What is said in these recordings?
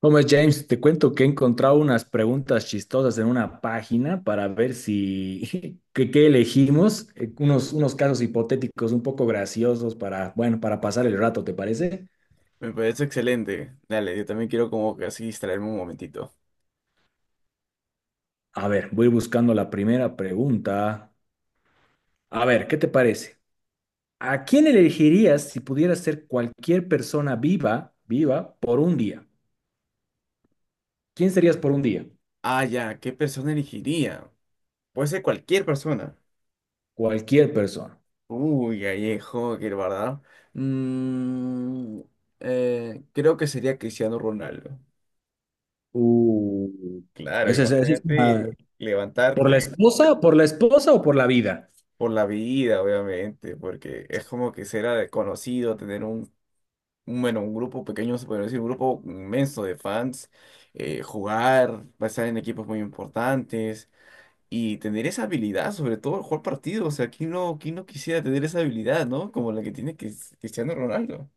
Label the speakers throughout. Speaker 1: ¿Cómo es, James? Te cuento que he encontrado unas preguntas chistosas en una página para ver si, que, qué elegimos, unos casos hipotéticos un poco graciosos bueno, para pasar el rato, ¿te parece?
Speaker 2: Me parece excelente. Dale, yo también quiero como que así distraerme un momentito.
Speaker 1: A ver, voy buscando la primera pregunta. A ver, ¿qué te parece? ¿A quién elegirías si pudieras ser cualquier persona viva, viva, por un día? ¿Quién serías por un día?
Speaker 2: Ah, ya, ¿qué persona elegiría? Puede ser cualquier persona.
Speaker 1: Cualquier persona.
Speaker 2: Uy, Gallejo, qué ¿verdad? Mm, creo que sería Cristiano Ronaldo.
Speaker 1: Uh,
Speaker 2: Claro,
Speaker 1: esa es esa es
Speaker 2: imagínate
Speaker 1: una-
Speaker 2: levantarte
Speaker 1: por la esposa o por la vida?
Speaker 2: por la vida, obviamente, porque es como que ser conocido, tener bueno, un grupo pequeño, se podría decir, un grupo inmenso de fans, jugar, pasar en equipos muy importantes. Y tener esa habilidad, sobre todo el jugar partido, o sea, quién no quisiera tener esa habilidad, ¿no? Como la que tiene Cristiano Ronaldo.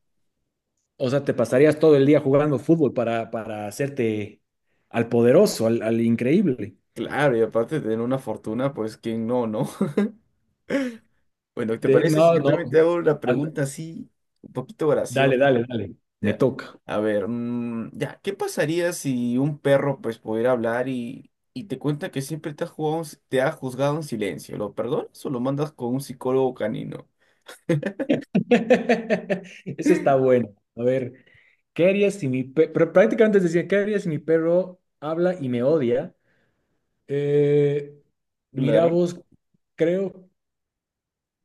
Speaker 1: O sea, te pasarías todo el día jugando fútbol para hacerte al poderoso, al increíble.
Speaker 2: Claro, y aparte de tener una fortuna, pues quién no, ¿no? Bueno, ¿te
Speaker 1: Te-
Speaker 2: parece si
Speaker 1: no,
Speaker 2: yo
Speaker 1: no.
Speaker 2: también te hago una
Speaker 1: Ah,
Speaker 2: pregunta así, un poquito
Speaker 1: dale,
Speaker 2: graciosa?
Speaker 1: dale, dale. Me
Speaker 2: Ya.
Speaker 1: toca.
Speaker 2: A ver, mm, ya, ¿qué pasaría si un perro pues pudiera hablar y te cuenta que siempre te ha jugado, en si- te ha juzgado en silencio? ¿Lo perdonas o lo mandas con un psicólogo canino?
Speaker 1: Ese está bueno. A ver, ¿qué haría si mi perro? Pero prácticamente decía, ¿qué haría si mi perro habla y me odia? Eh, mira
Speaker 2: Claro.
Speaker 1: vos, creo,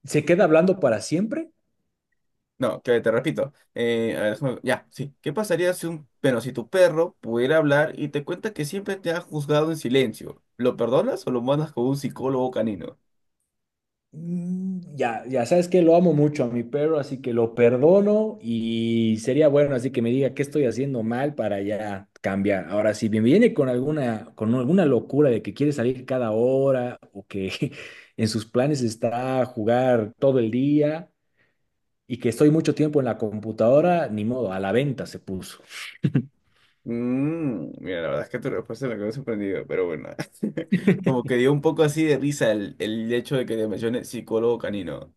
Speaker 1: ¿se queda hablando para siempre?
Speaker 2: No, que te repito. A ver, ya, sí. ¿Qué pasaría si pero si tu perro pudiera hablar y te cuenta que siempre te ha juzgado en silencio? ¿Lo perdonas o lo mandas con un psicólogo canino?
Speaker 1: Mm, ya, ya sabes que lo amo mucho a mi perro, así que lo perdono y sería bueno así que me diga qué estoy haciendo mal para ya cambiar. Ahora, si me viene con alguna locura de que quiere salir cada hora o que en sus planes está jugar todo el día y que estoy mucho tiempo en la computadora, ni modo, a la venta se puso.
Speaker 2: Mm, mira, la verdad es que tu respuesta me quedó sorprendido, pero bueno. Como que dio un poco así de risa el hecho de que te mencione psicólogo canino.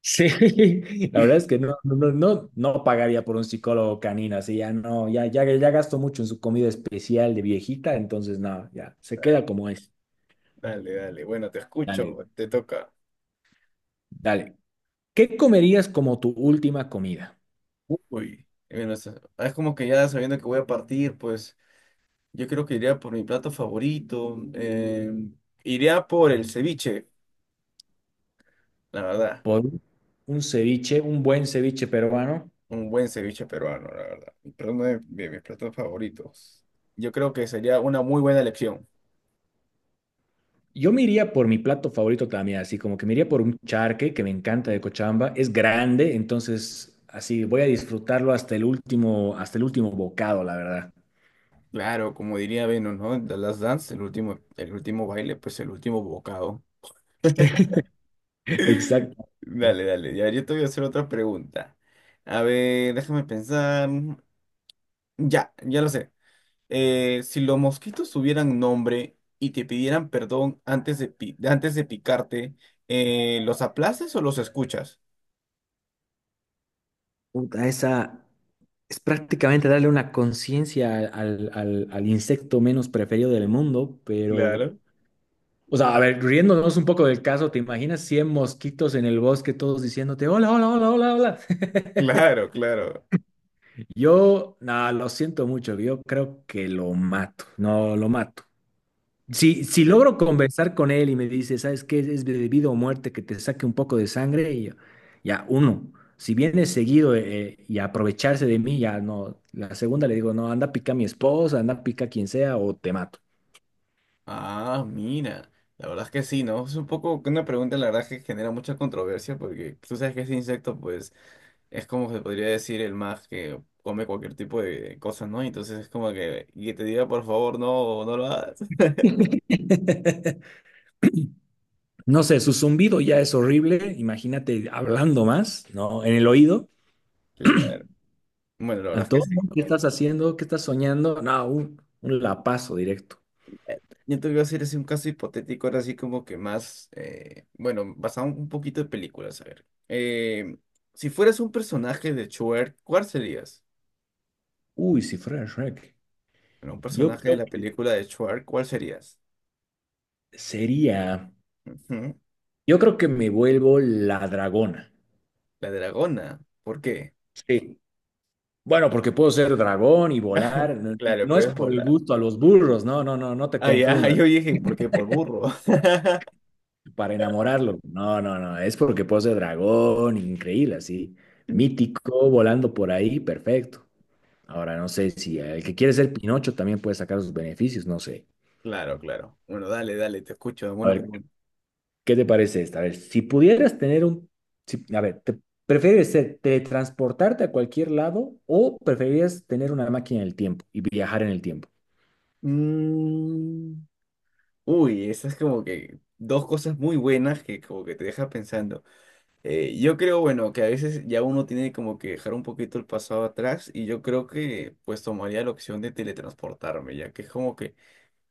Speaker 1: Sí, la verdad es que no, no, no, no no pagaría por un psicólogo canino, así ya no, ya, ya, ya gasto mucho en su comida especial de viejita, entonces nada, ya, se
Speaker 2: Dale,
Speaker 1: queda como es.
Speaker 2: dale, dale. Bueno, te escucho,
Speaker 1: Dale,
Speaker 2: te toca.
Speaker 1: dale. ¿Qué comerías como tu última comida?
Speaker 2: Uy. Bueno, es como que ya sabiendo que voy a partir, pues. Yo creo que iría por mi plato favorito. Iría por el ceviche, la verdad.
Speaker 1: Por un ceviche, un buen ceviche peruano.
Speaker 2: Un buen ceviche peruano, la verdad. Pero uno de mis platos favoritos. Yo creo que sería una muy buena elección.
Speaker 1: Yo me iría por mi plato favorito también, así como que me iría por un charque que me encanta de Cochabamba, es grande, entonces así voy a disfrutarlo hasta el último bocado, la verdad.
Speaker 2: Claro, como diría Venus, ¿no? The Last Dance, el último baile, pues el último bocado.
Speaker 1: Exacto.
Speaker 2: Dale, dale. Ya, yo te voy a hacer otra pregunta. A ver, déjame pensar. Ya, ya lo sé. Si los mosquitos tuvieran nombre y te pidieran perdón antes de picarte, ¿los aplaces o los escuchas?
Speaker 1: Puta, esa es prácticamente darle una conciencia al insecto menos preferido del mundo, pero,
Speaker 2: Claro,
Speaker 1: o sea, a ver, riéndonos un poco del caso, ¿te imaginas 100 mosquitos en el bosque todos diciéndote, hola, hola, hola, hola, hola?
Speaker 2: claro, claro.
Speaker 1: Yo, nada, lo siento mucho, yo creo que lo mato, no, lo mato. Si, si
Speaker 2: Sí.
Speaker 1: logro conversar con él y me dice, ¿sabes qué? Es de vida o muerte que te saque un poco de sangre, y yo, ya, uno. Si viene seguido y aprovecharse de mí, ya no. La segunda le digo, no, anda pica a mi esposa, anda pica a quien sea o te mato.
Speaker 2: Ah, mira, la verdad es que sí, ¿no? Es un poco una pregunta, la verdad, que genera mucha controversia porque tú sabes que ese insecto, pues, es como se podría decir el más que come cualquier tipo de cosas, ¿no? Entonces es como que, y que te diga, por favor, no, no lo hagas.
Speaker 1: No sé, su zumbido ya es horrible. Imagínate hablando más, ¿no? En el oído.
Speaker 2: Claro. Bueno, la verdad es que
Speaker 1: Antonio,
Speaker 2: sí.
Speaker 1: ¿qué estás haciendo? ¿Qué estás soñando? No, un lapazo directo.
Speaker 2: Yo te voy a hacer así un caso hipotético, ahora sí como que más, bueno, basado un poquito de películas, a ver. Si fueras un personaje de Shrek, ¿cuál serías?
Speaker 1: Uy, si fuera Shrek.
Speaker 2: Bueno, un
Speaker 1: Yo
Speaker 2: personaje de
Speaker 1: creo
Speaker 2: la
Speaker 1: que
Speaker 2: película de Shrek, ¿cuál serías?
Speaker 1: sería.
Speaker 2: Ujú.
Speaker 1: Yo creo que me vuelvo la dragona.
Speaker 2: La dragona. ¿Por qué?
Speaker 1: Sí. Bueno, porque puedo ser dragón y volar. No,
Speaker 2: Claro,
Speaker 1: no es
Speaker 2: puedes
Speaker 1: por el
Speaker 2: volar.
Speaker 1: gusto a los burros, no, no, no, no te
Speaker 2: Ah, ya,
Speaker 1: confundas.
Speaker 2: yo dije, ¿por qué? Por burro.
Speaker 1: Para enamorarlo. No, no, no. Es porque puedo ser dragón, increíble, así. Mítico, volando por ahí, perfecto. Ahora, no sé si el que quiere ser Pinocho también puede sacar sus beneficios, no sé.
Speaker 2: Claro, claro. Bueno, dale, dale, te escucho.
Speaker 1: A
Speaker 2: Buena
Speaker 1: ver,
Speaker 2: pregunta.
Speaker 1: ¿qué te parece esta? A ver, si pudieras tener un. Si- a ver, ¿te prefieres ser- teletransportarte a cualquier lado o preferirías tener una máquina del tiempo y viajar en el tiempo?
Speaker 2: Mm. Uy, esas como que dos cosas muy buenas que como que te deja pensando. Yo creo, bueno, que a veces ya uno tiene como que dejar un poquito el pasado atrás y yo creo que pues tomaría la opción de teletransportarme, ya que es como que,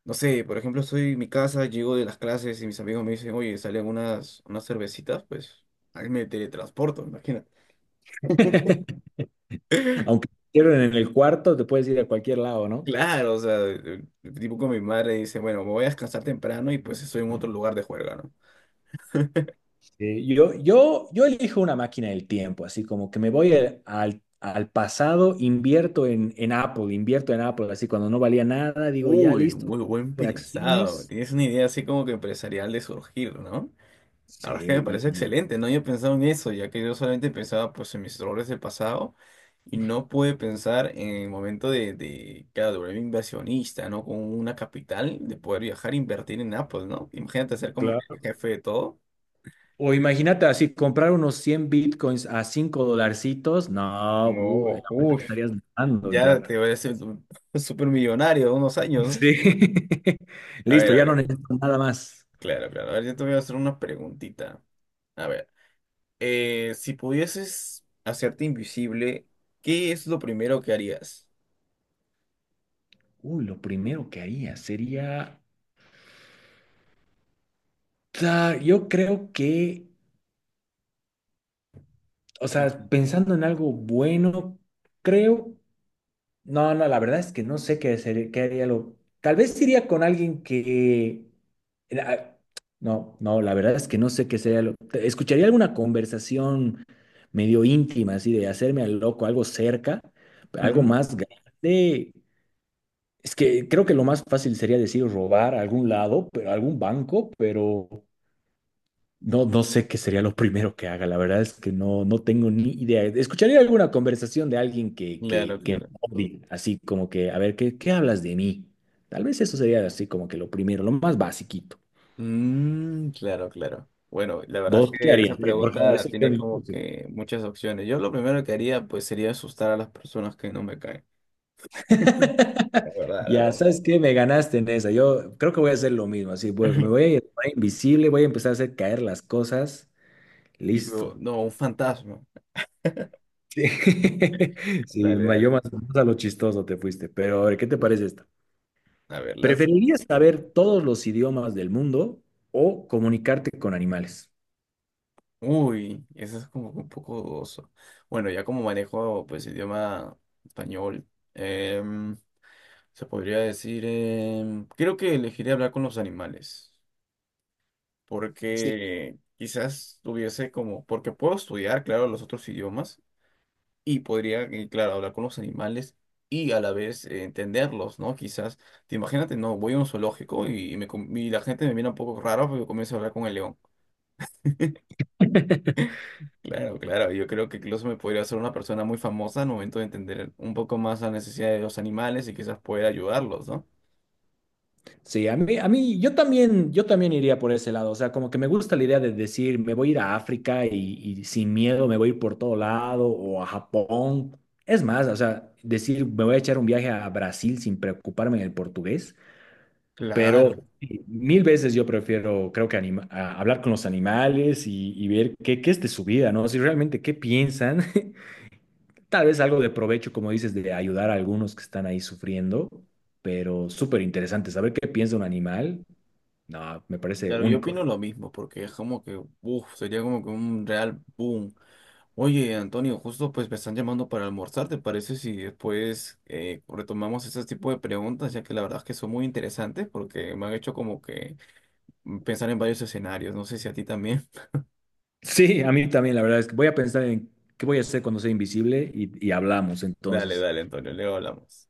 Speaker 2: no sé, por ejemplo, estoy en mi casa, llego de las clases y mis amigos me dicen, oye, salen unas cervecitas, pues ahí me teletransporto, imagínate.
Speaker 1: Aunque te hicieron en el cuarto, te puedes ir a cualquier lado, ¿no?
Speaker 2: Claro, o sea, tipo con mi madre dice, bueno, me voy a descansar temprano y pues estoy en otro lugar de juerga, ¿no?
Speaker 1: Yo elijo una máquina del tiempo, así como que me voy al pasado, invierto en Apple, invierto en Apple, así cuando no valía nada, digo, ya
Speaker 2: Uy,
Speaker 1: listo,
Speaker 2: muy buen
Speaker 1: de
Speaker 2: pensado.
Speaker 1: acciones.
Speaker 2: Tienes una idea así como que empresarial de surgir, ¿no? La
Speaker 1: Sí,
Speaker 2: verdad es que me
Speaker 1: y,
Speaker 2: parece
Speaker 1: y
Speaker 2: excelente, no había pensado en eso, ya que yo solamente pensaba pues en mis errores del pasado y no pude pensar en el momento de claro, de volverme inversionista, ¿no? Con una capital, de poder viajar e invertir en Apple, ¿no? Imagínate ser como que
Speaker 1: claro.
Speaker 2: jefe de todo.
Speaker 1: O imagínate así, comprar unos 100 bitcoins a 5 dolarcitos, no,
Speaker 2: No,
Speaker 1: ahorita
Speaker 2: uff,
Speaker 1: estarías ganando en
Speaker 2: ya
Speaker 1: plata.
Speaker 2: te voy a ser súper millonario en unos años, ¿no?
Speaker 1: Sí. Listo,
Speaker 2: A
Speaker 1: ya no
Speaker 2: ver,
Speaker 1: necesito nada más.
Speaker 2: claro, claro. A ver, yo te voy a hacer una preguntita. A ver, si pudieses hacerte invisible, ¿qué es lo primero que harías?
Speaker 1: Uy, lo primero que haría sería, sea, yo creo que, o sea, pensando en algo bueno, creo, no, no, la verdad es que no sé qué haría lo, tal vez iría con alguien que, ah, no, no, la verdad es que no sé qué sería lo, escucharía alguna conversación medio íntima, así de hacerme al loco, algo cerca, algo
Speaker 2: Mm.
Speaker 1: más grande. Es que creo que lo más fácil sería decir robar a algún lado, pero a algún banco, pero. No, no sé qué sería lo primero que haga, la verdad es que no, no tengo ni idea. Escucharía alguna conversación de alguien que,
Speaker 2: Claro,
Speaker 1: que, que me
Speaker 2: claro.
Speaker 1: odie, así como que, a ver, ¿qué hablas de mí? Tal vez eso sería así como que lo primero, lo más basiquito.
Speaker 2: Mm, claro, claro. Bueno, la verdad es
Speaker 1: ¿Vos qué
Speaker 2: que
Speaker 1: harías?
Speaker 2: esa
Speaker 1: Porque a
Speaker 2: pregunta
Speaker 1: veces
Speaker 2: tiene
Speaker 1: quiero-
Speaker 2: como que muchas opciones. Yo lo primero que haría pues sería asustar a las personas que no me caen. La verdad, la
Speaker 1: Ya,
Speaker 2: verdad.
Speaker 1: ¿sabes que me ganaste en esa? Yo creo que voy a hacer lo mismo, así, me voy a ir invisible, voy a empezar a hacer caer las cosas,
Speaker 2: Y luego,
Speaker 1: listo.
Speaker 2: no, un fantasma.
Speaker 1: Sí,
Speaker 2: Dale,
Speaker 1: yo
Speaker 2: dale.
Speaker 1: más, más a lo chistoso te fuiste, pero a ver, ¿qué te parece esta?
Speaker 2: A ver, lanza
Speaker 1: ¿Preferirías
Speaker 2: pregunta.
Speaker 1: saber todos los idiomas del mundo o comunicarte con animales?
Speaker 2: Uy, eso es como que un poco dudoso. Bueno, ya como manejo pues idioma español, em, se podría decir, creo que elegiría hablar con los animales,
Speaker 1: Sí.
Speaker 2: porque quizás tuviese como, porque puedo estudiar, claro, los otros idiomas y podría, claro, hablar con los animales y a la vez entenderlos, ¿no? Quizás, te imagínate, no, voy a un zoológico y, y la gente me mira un poco raro porque comienzo a hablar con el león. Claro, claro, yo creo que incluso me podría hacer una persona muy famosa al momento de entender un poco más la necesidad de los animales y quizás poder ayudarlos, ¿no?
Speaker 1: Sí, a mí, yo también iría por ese lado. O sea, como que me gusta la idea de decir, me voy a ir a África y sin miedo me voy a ir por todo lado o a Japón. Es más, o sea, decir, me voy a echar un viaje a Brasil sin preocuparme del portugués. Pero
Speaker 2: Claro.
Speaker 1: sí, mil veces yo prefiero, creo que hablar con los animales y ver qué es de su vida, ¿no? Si realmente qué piensan Tal vez algo de provecho, como dices, de ayudar a algunos que están ahí sufriendo, pero súper interesante. Saber qué piensa un animal, no, me parece
Speaker 2: Claro, yo
Speaker 1: único,
Speaker 2: opino
Speaker 1: digo.
Speaker 2: lo mismo, porque es como que, uff, sería como que un real boom. Oye, Antonio, justo pues me están llamando para almorzar, ¿te parece si después retomamos ese tipo de preguntas, ya que la verdad es que son muy interesantes porque me han hecho como que mm, pensar en varios escenarios, no sé si a ti también.
Speaker 1: Sí, a mí también, la verdad es que voy a pensar en qué voy a hacer cuando sea invisible y hablamos
Speaker 2: Dale,
Speaker 1: entonces.
Speaker 2: dale, Antonio, luego hablamos.